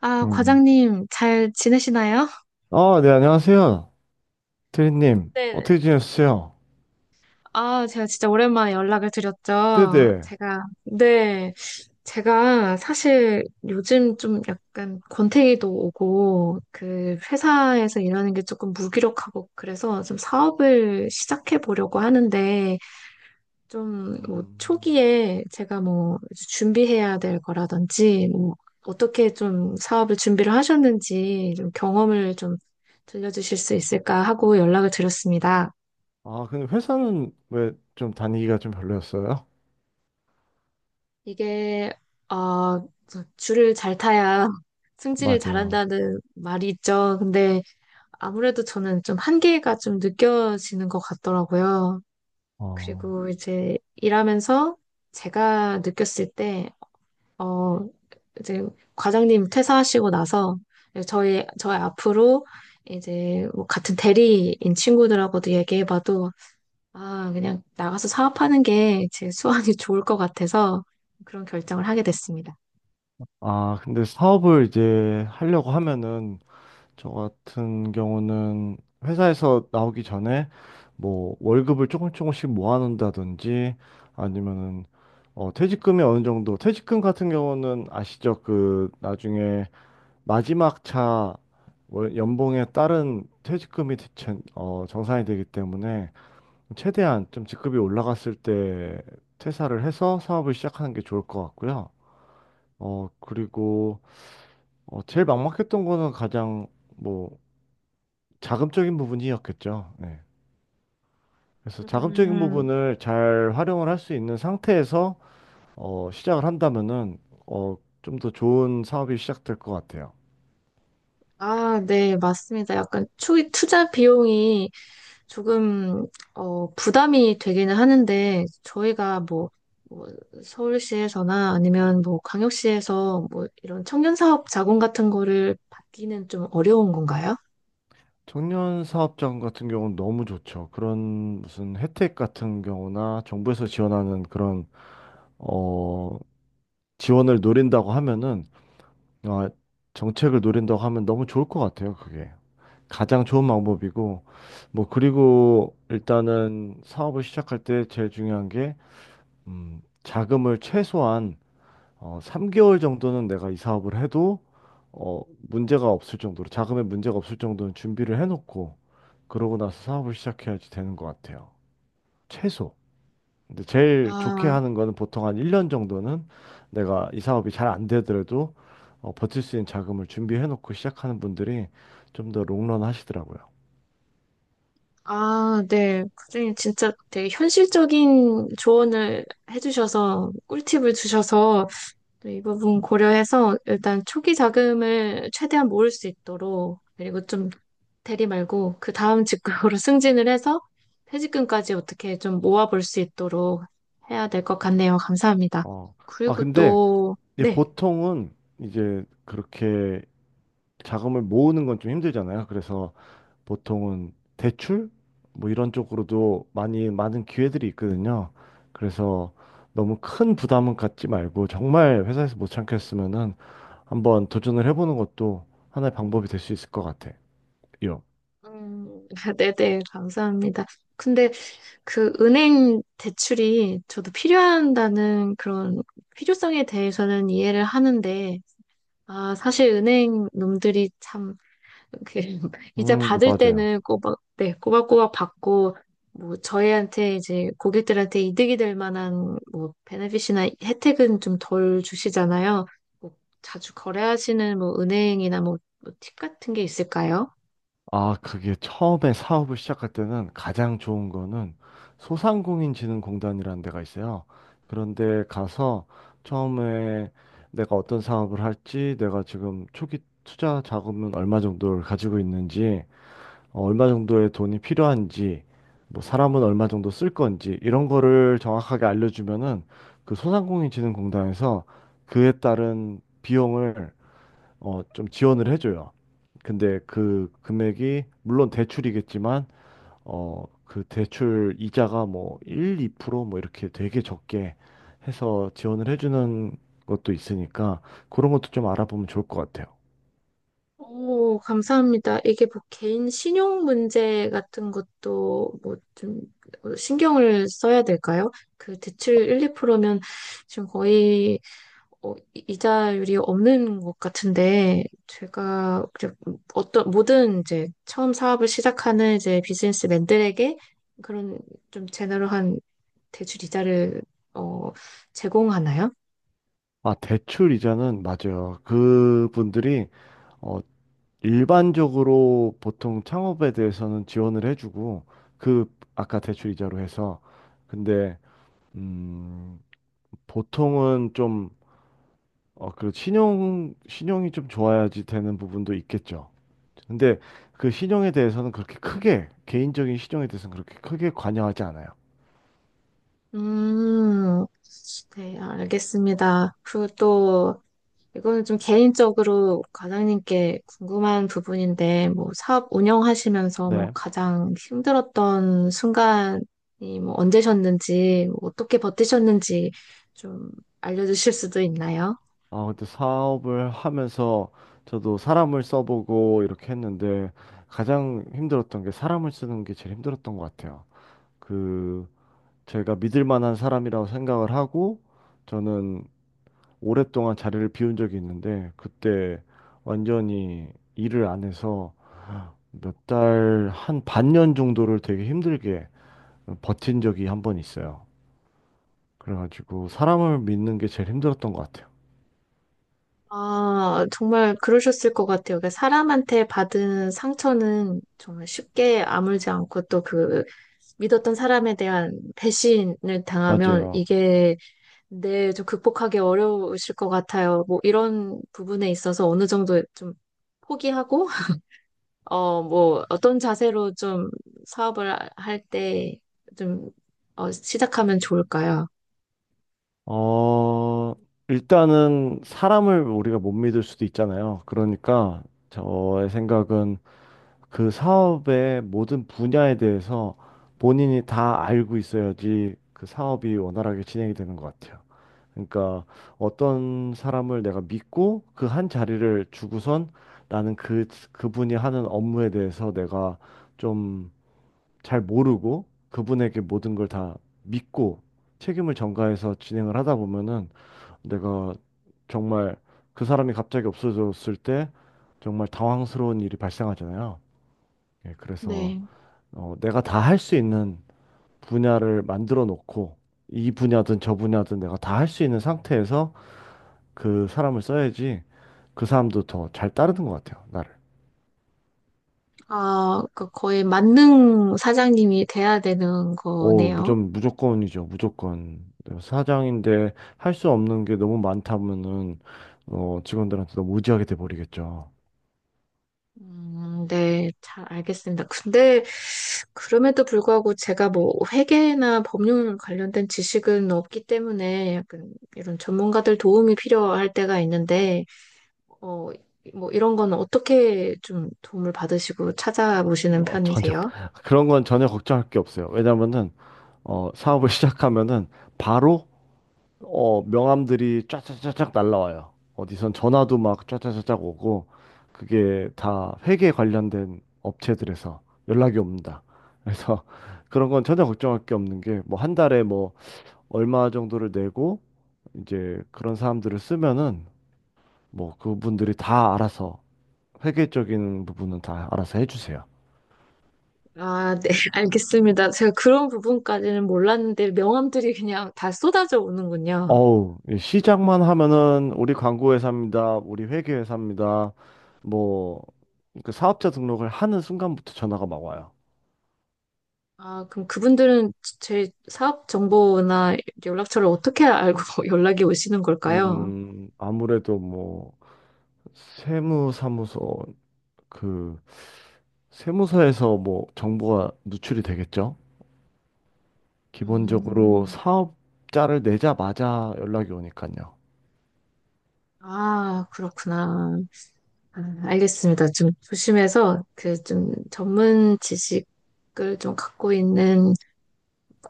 아, 음. 과장님, 잘 지내시나요? 아, 네, 안녕하세요. 트리님, 네. 어떻게 지내셨어요? 아, 제가 진짜 오랜만에 연락을 드렸죠. 네네. 제가, 네. 제가 사실 요즘 좀 약간 권태기도 오고, 그 회사에서 일하는 게 조금 무기력하고, 그래서 좀 사업을 시작해 보려고 하는데, 좀, 뭐, 음. 초기에 제가 뭐, 준비해야 될 거라든지, 뭐, 어떻게 좀 사업을 준비를 하셨는지, 좀 경험을 좀 들려주실 수 있을까 하고 연락을 드렸습니다. 아, 근데 회사는 왜 좀 다니기가 좀 별로였어요? 이게, 어, 저 줄을 잘 타야 승진을 맞아요. 잘한다는 말이 있죠. 근데 아무래도 저는 좀 한계가 좀 느껴지는 것 같더라고요. 어. 그리고 이제 일하면서 제가 느꼈을 때, 어, 이제 과장님 퇴사하시고 나서 저희 앞으로 이제 뭐 같은 대리인 친구들하고도 얘기해봐도 아, 그냥 나가서 사업하는 게 제 수완이 좋을 것 같아서 그런 결정을 하게 됐습니다. 아, 근데 사업을 이제 하려고 하면은, 저 같은 경우는 회사에서 나오기 전에 뭐 월급을 조금 조금씩 모아놓는다든지 아니면은 어, 퇴직금이 어느 정도, 퇴직금 같은 경우는 아시죠? 그 나중에 마지막 차 연봉에 따른 퇴직금이 대체 어, 정산이 되기 때문에 최대한 좀 직급이 올라갔을 때 퇴사를 해서 사업을 시작하는 게 좋을 것 같고요. 어, 그리고 어, 제일 막막했던 거는 가장 뭐 자금적인 부분이었겠죠. 네. 그래서 자금적인 음, 부분을 잘 활용을 할 수 있는 상태에서 어, 시작을 한다면은 어, 좀 더 좋은 사업이 시작될 것 같아요. 아, 네, 맞습니다. 약간 투자 비용이 조금 부담이 되기는 하는데 저희가 뭐, 뭐 서울시에서나 아니면 뭐 광역시에서 뭐 이런 청년 사업 자금 같은 거를 받기는 좀 어려운 건가요? 청년 사업장 같은 경우는 너무 좋죠. 그런 무슨 혜택 같은 경우나 정부에서 지원하는 그런 어, 지원을 노린다고 하면은, 아, 정책을 노린다고 하면 너무 좋을 것 같아요. 그게 가장 좋은 방법이고 뭐 그리고 일단은 사업을 시작할 때 제일 중요한 게 자금을 최소한 어, 3개월 정도는 내가 이 사업을 해도 어, 문제가 없을 정도로 자금에 문제가 없을 정도는 준비를 해놓고 그러고 나서 사업을 시작해야지 되는 것 같아요. 최소. 근데 제일 좋게 아, 하는 거는 보통 한 1년 정도는 내가 이 사업이 잘 안 되더라도 어, 버틸 수 있는 자금을 준비해놓고 시작하는 분들이 좀 더 롱런 하시더라고요. 아, 네. 선생님 진짜 되게 현실적인 조언을 해주셔서 꿀팁을 주셔서 이 부분 고려해서 일단 초기 자금을 최대한 모을 수 있도록 그리고 좀 대리 말고 그 다음 직급으로 승진을 해서 퇴직금까지 어떻게 좀 모아볼 수 있도록 해야 될 것 같네요. 감사합니다. 어. 아, 그리고 근데 또, 이제 네. 보통은 이제 그렇게 자금을 모으는 건 좀 힘들잖아요. 그래서 보통은 대출? 뭐 이런 쪽으로도 많이 많은 기회들이 있거든요. 그래서 너무 큰 부담은 갖지 말고 정말 회사에서 못 참겠으면은 한번 도전을 해보는 것도 하나의 방법이 될 수 있을 것 같아요. 음, 네네, 감사합니다. 근데 그 은행 대출이 저도 필요한다는 그런 필요성에 대해서는 이해를 하는데, 아, 사실 은행 놈들이 참 이 이자 받을 맞아요. 때는 꼬박, 네, 꼬박꼬박 받고, 뭐, 저희한테 이제 고객들한테 이득이 될 만한 뭐, 베네핏이나 혜택은 좀 덜 주시잖아요. 뭐 자주 거래하시는 뭐, 은행이나 뭐, 뭐 팁 같은 게 있을까요? 아, 그게 처음에 사업을 시작할 때는 가장 좋은 거는 소상공인진흥공단이라는 데가 있어요. 그런데 가서 처음에 내가 어떤 사업을 할지, 내가 지금 초기 투자 자금은 얼마 정도를 가지고 있는지, 어, 얼마 정도의 돈이 필요한지, 뭐 사람은 얼마 정도 쓸 건지 이런 거를 정확하게 알려주면은 그 소상공인진흥공단에서 그에 따른 비용을 어, 좀 지원을 해줘요. 근데 그 금액이 물론 대출이겠지만 어, 그 대출 이자가 뭐 1, 2% 뭐 이렇게 되게 적게 해서 지원을 해주는 것도 있으니까 그런 것도 좀 알아보면 좋을 것 같아요. 오, 감사합니다. 이게 뭐 개인 신용 문제 같은 것도 뭐 좀 신경을 써야 될까요? 그 대출 1, 2%면 지금 거의 이자율이 없는 것 같은데, 제가 이제 어떤, 모든 이제 처음 사업을 시작하는 이제 비즈니스맨들에게 그런 좀 제너럴한 대출 이자를, 어, 제공하나요? 아, 대출 이자는 맞아요. 그분들이 어, 일반적으로 보통 창업에 대해서는 지원을 해주고 그 아까 대출 이자로 해서. 근데 음, 보통은 좀 어, 그리고 신용이 좀 좋아야지 되는 부분도 있겠죠. 근데 그 신용에 대해서는 그렇게 크게, 개인적인 신용에 대해서는 그렇게 크게 관여하지 않아요. 음, 네, 알겠습니다. 그리고 또, 이거는 좀 개인적으로 과장님께 궁금한 부분인데, 뭐, 사업 운영하시면서 뭐, 네. 가장 힘들었던 순간이 뭐, 언제셨는지, 뭐 어떻게 버티셨는지 좀 알려주실 수도 있나요? 아, 근데 사업을 하면서 저도 사람을 써보고 이렇게 했는데 가장 힘들었던 게 사람을 쓰는 게 제일 힘들었던 것 같아요. 그, 제가 믿을 만한 사람이라고 생각을 하고 저는 오랫동안 자리를 비운 적이 있는데 그때 완전히 일을 안 해서 몇 달, 한 반년 정도를 되게 힘들게 버틴 적이 한 번 있어요. 그래가지고 사람을 믿는 게 제일 힘들었던 것 같아요. 아, 정말 그러셨을 것 같아요. 그러니까 사람한테 받은 상처는 정말 쉽게 아물지 않고 또 그 믿었던 사람에 대한 배신을 당하면 맞아요. 이게 네, 좀 극복하기 어려우실 것 같아요. 뭐 이런 부분에 있어서 어느 정도 좀 포기하고, 뭐 어떤 자세로 좀 사업을 할 때 좀, 시작하면 좋을까요? 어, 일단은 사람을 우리가 못 믿을 수도 있잖아요. 그러니까 저의 생각은 그 사업의 모든 분야에 대해서 본인이 다 알고 있어야지 그 사업이 원활하게 진행이 되는 것 같아요. 그러니까 어떤 사람을 내가 믿고 그 한 자리를 주고선 나는 그, 그분이 하는 업무에 대해서 내가 좀 잘 모르고 그분에게 모든 걸 다 믿고 책임을 전가해서 진행을 하다 보면은 내가 정말 그 사람이 갑자기 없어졌을 때 정말 당황스러운 일이 발생하잖아요. 예, 그래서 네. 어, 내가 다 할 수 있는 분야를 만들어 놓고 이 분야든 저 분야든 내가 다 할 수 있는 상태에서 그 사람을 써야지 그 사람도 더 잘 따르는 것 같아요, 나를. 아, 그 거의 만능 사장님이 돼야 되는 오, 거네요. 무조건, 무조건이죠, 무조건. 사장인데 할 수 없는 게 너무 많다면은, 어, 직원들한테 너무 의지하게 돼버리겠죠. 네, 잘 알겠습니다. 근데 그럼에도 불구하고 제가 뭐 회계나 법률 관련된 지식은 없기 때문에 약간 이런 전문가들 도움이 필요할 때가 있는데, 어, 뭐 이런 거는 어떻게 좀 도움을 받으시고 찾아보시는 어, 전혀, 편이세요? 그런 건 전혀 걱정할 게 없어요. 왜냐면은, 어, 사업을 시작하면은 바로 어, 명함들이 쫙쫙쫙쫙 날라와요. 어디선 전화도 막 쫙쫙쫙쫙 오고, 그게 다 회계 관련된 업체들에서 연락이 옵니다. 그래서 그런 건 전혀 걱정할 게 없는 게, 뭐 한 달에 뭐 얼마 정도를 내고, 이제 그런 사람들을 쓰면은, 뭐 그분들이 다 알아서, 회계적인 부분은 다 알아서 해주세요. 아, 네, 알겠습니다. 제가 그런 부분까지는 몰랐는데 명함들이 그냥 다 쏟아져 오는군요. 어우, 이 시작만 하면은 우리 광고회사입니다. 우리 회계회사입니다. 뭐, 그 사업자 등록을 하는 순간부터 전화가 막 와요. 아, 그럼 그분들은 제 사업 정보나 연락처를 어떻게 알고 연락이 오시는 걸까요? 아무래도 뭐, 세무사무소, 그, 세무서에서 뭐, 정보가 누출이 되겠죠? 기본적으로 음, 사업자를 내자마자 연락이 오니까요. 아, 그렇구나. 아, 알겠습니다. 좀 조심해서 그 좀 전문 지식을 좀 갖고 있는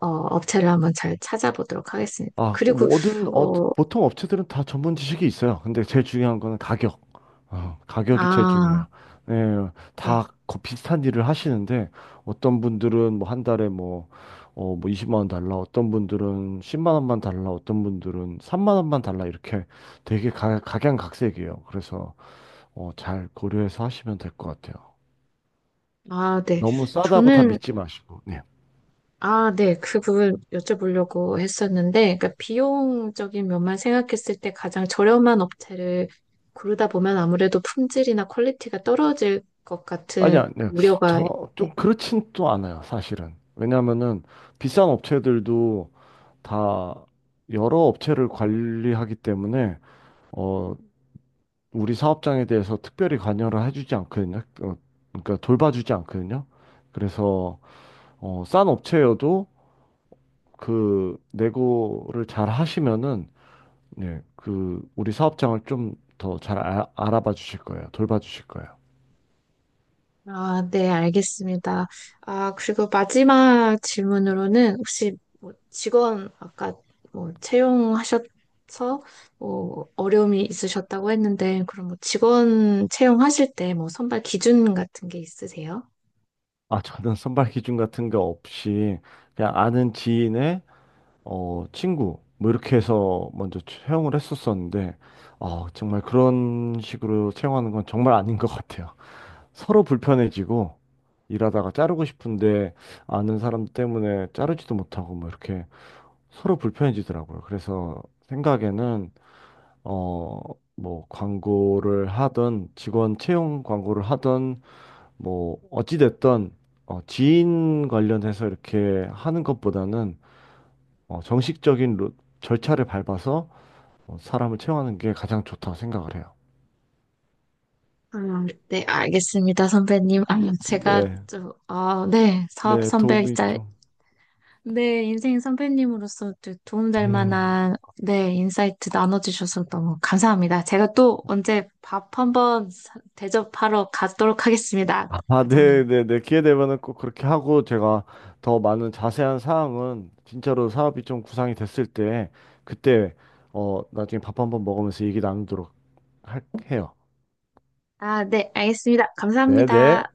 업체를 한번 잘 찾아보도록 하겠습니다. 아, 그리고 모든 어, 어, 보통 업체들은 다 전문 지식이 있어요. 근데 제일 중요한 거는 가격. 어, 가격이 제일 아, 중요해요. 네, 네. 다 비슷한 일을 하시는데 어떤 분들은 뭐 한 달에 뭐, 어, 뭐 20만 원 달라, 어떤 분들은 10만 원만 달라, 어떤 분들은 3만 원만 달라 이렇게 되게 각양각색이에요. 그래서 어, 잘 고려해서 하시면 될 것 같아요. 아, 네. 너무 싸다고 다 저는 믿지 마시고. 네. 아, 네. 그 부분 여쭤보려고 했었는데, 그러니까 비용적인 면만 생각했을 때 가장 저렴한 업체를 고르다 보면 아무래도 품질이나 퀄리티가 떨어질 것 아니, 같은 아니요. 우려가, 저, 좀 네. 그렇진 또 않아요, 사실은. 왜냐면은 비싼 업체들도 다 여러 업체를 관리하기 때문에, 어, 우리 사업장에 대해서 특별히 관여를 해주지 않거든요. 어, 그러니까 돌봐주지 않거든요. 그래서, 어, 싼 업체여도 그 내고를 잘 하시면은, 예, 그 우리 사업장을 좀 더 잘 알아봐 주실 거예요. 돌봐 주실 거예요. 아, 네, 알겠습니다. 아, 그리고 마지막 질문으로는 혹시 뭐 직원 아까 뭐 채용하셔서 뭐 어려움이 있으셨다고 했는데, 그럼 뭐 직원 채용하실 때 뭐 선발 기준 같은 게 있으세요? 아, 저는 선발 기준 같은 게 없이 그냥 아는 지인의 어, 친구 뭐 이렇게 해서 먼저 채용을 했었었는데 어, 정말 그런 식으로 채용하는 건 정말 아닌 것 같아요. 서로 불편해지고 일하다가 자르고 싶은데 아는 사람 때문에 자르지도 못하고 뭐 이렇게 서로 불편해지더라고요. 그래서 생각에는 어, 뭐 광고를 하던 직원 채용 광고를 하던 뭐 어찌됐든 어, 지인 관련해서 이렇게 하는 것보다는 어, 정식적인 절차를 밟아서 어, 사람을 채용하는 게 가장 좋다 생각을 해요. 네, 알겠습니다, 선배님. 아, 제가 네, 좀, 아, 네, 사업 네, 도움이 선배이자, 좀. 네, 인생 선배님으로서 또 도움될 음. 만한, 네, 인사이트 나눠주셔서 너무 감사합니다. 제가 또 언제 밥 한번 대접하러 가도록 하겠습니다, 아, 네, 과장님. 네, 네. 기회 되면은 꼭 그렇게 하고 제가 더 많은 자세한 사항은 진짜로 사업이 좀 구상이 됐을 때 그때 어, 나중에 밥 한번 먹으면서 얘기 나누도록 할, 해요. 아, 네, 알겠습니다. 네, 네. 감사합니다.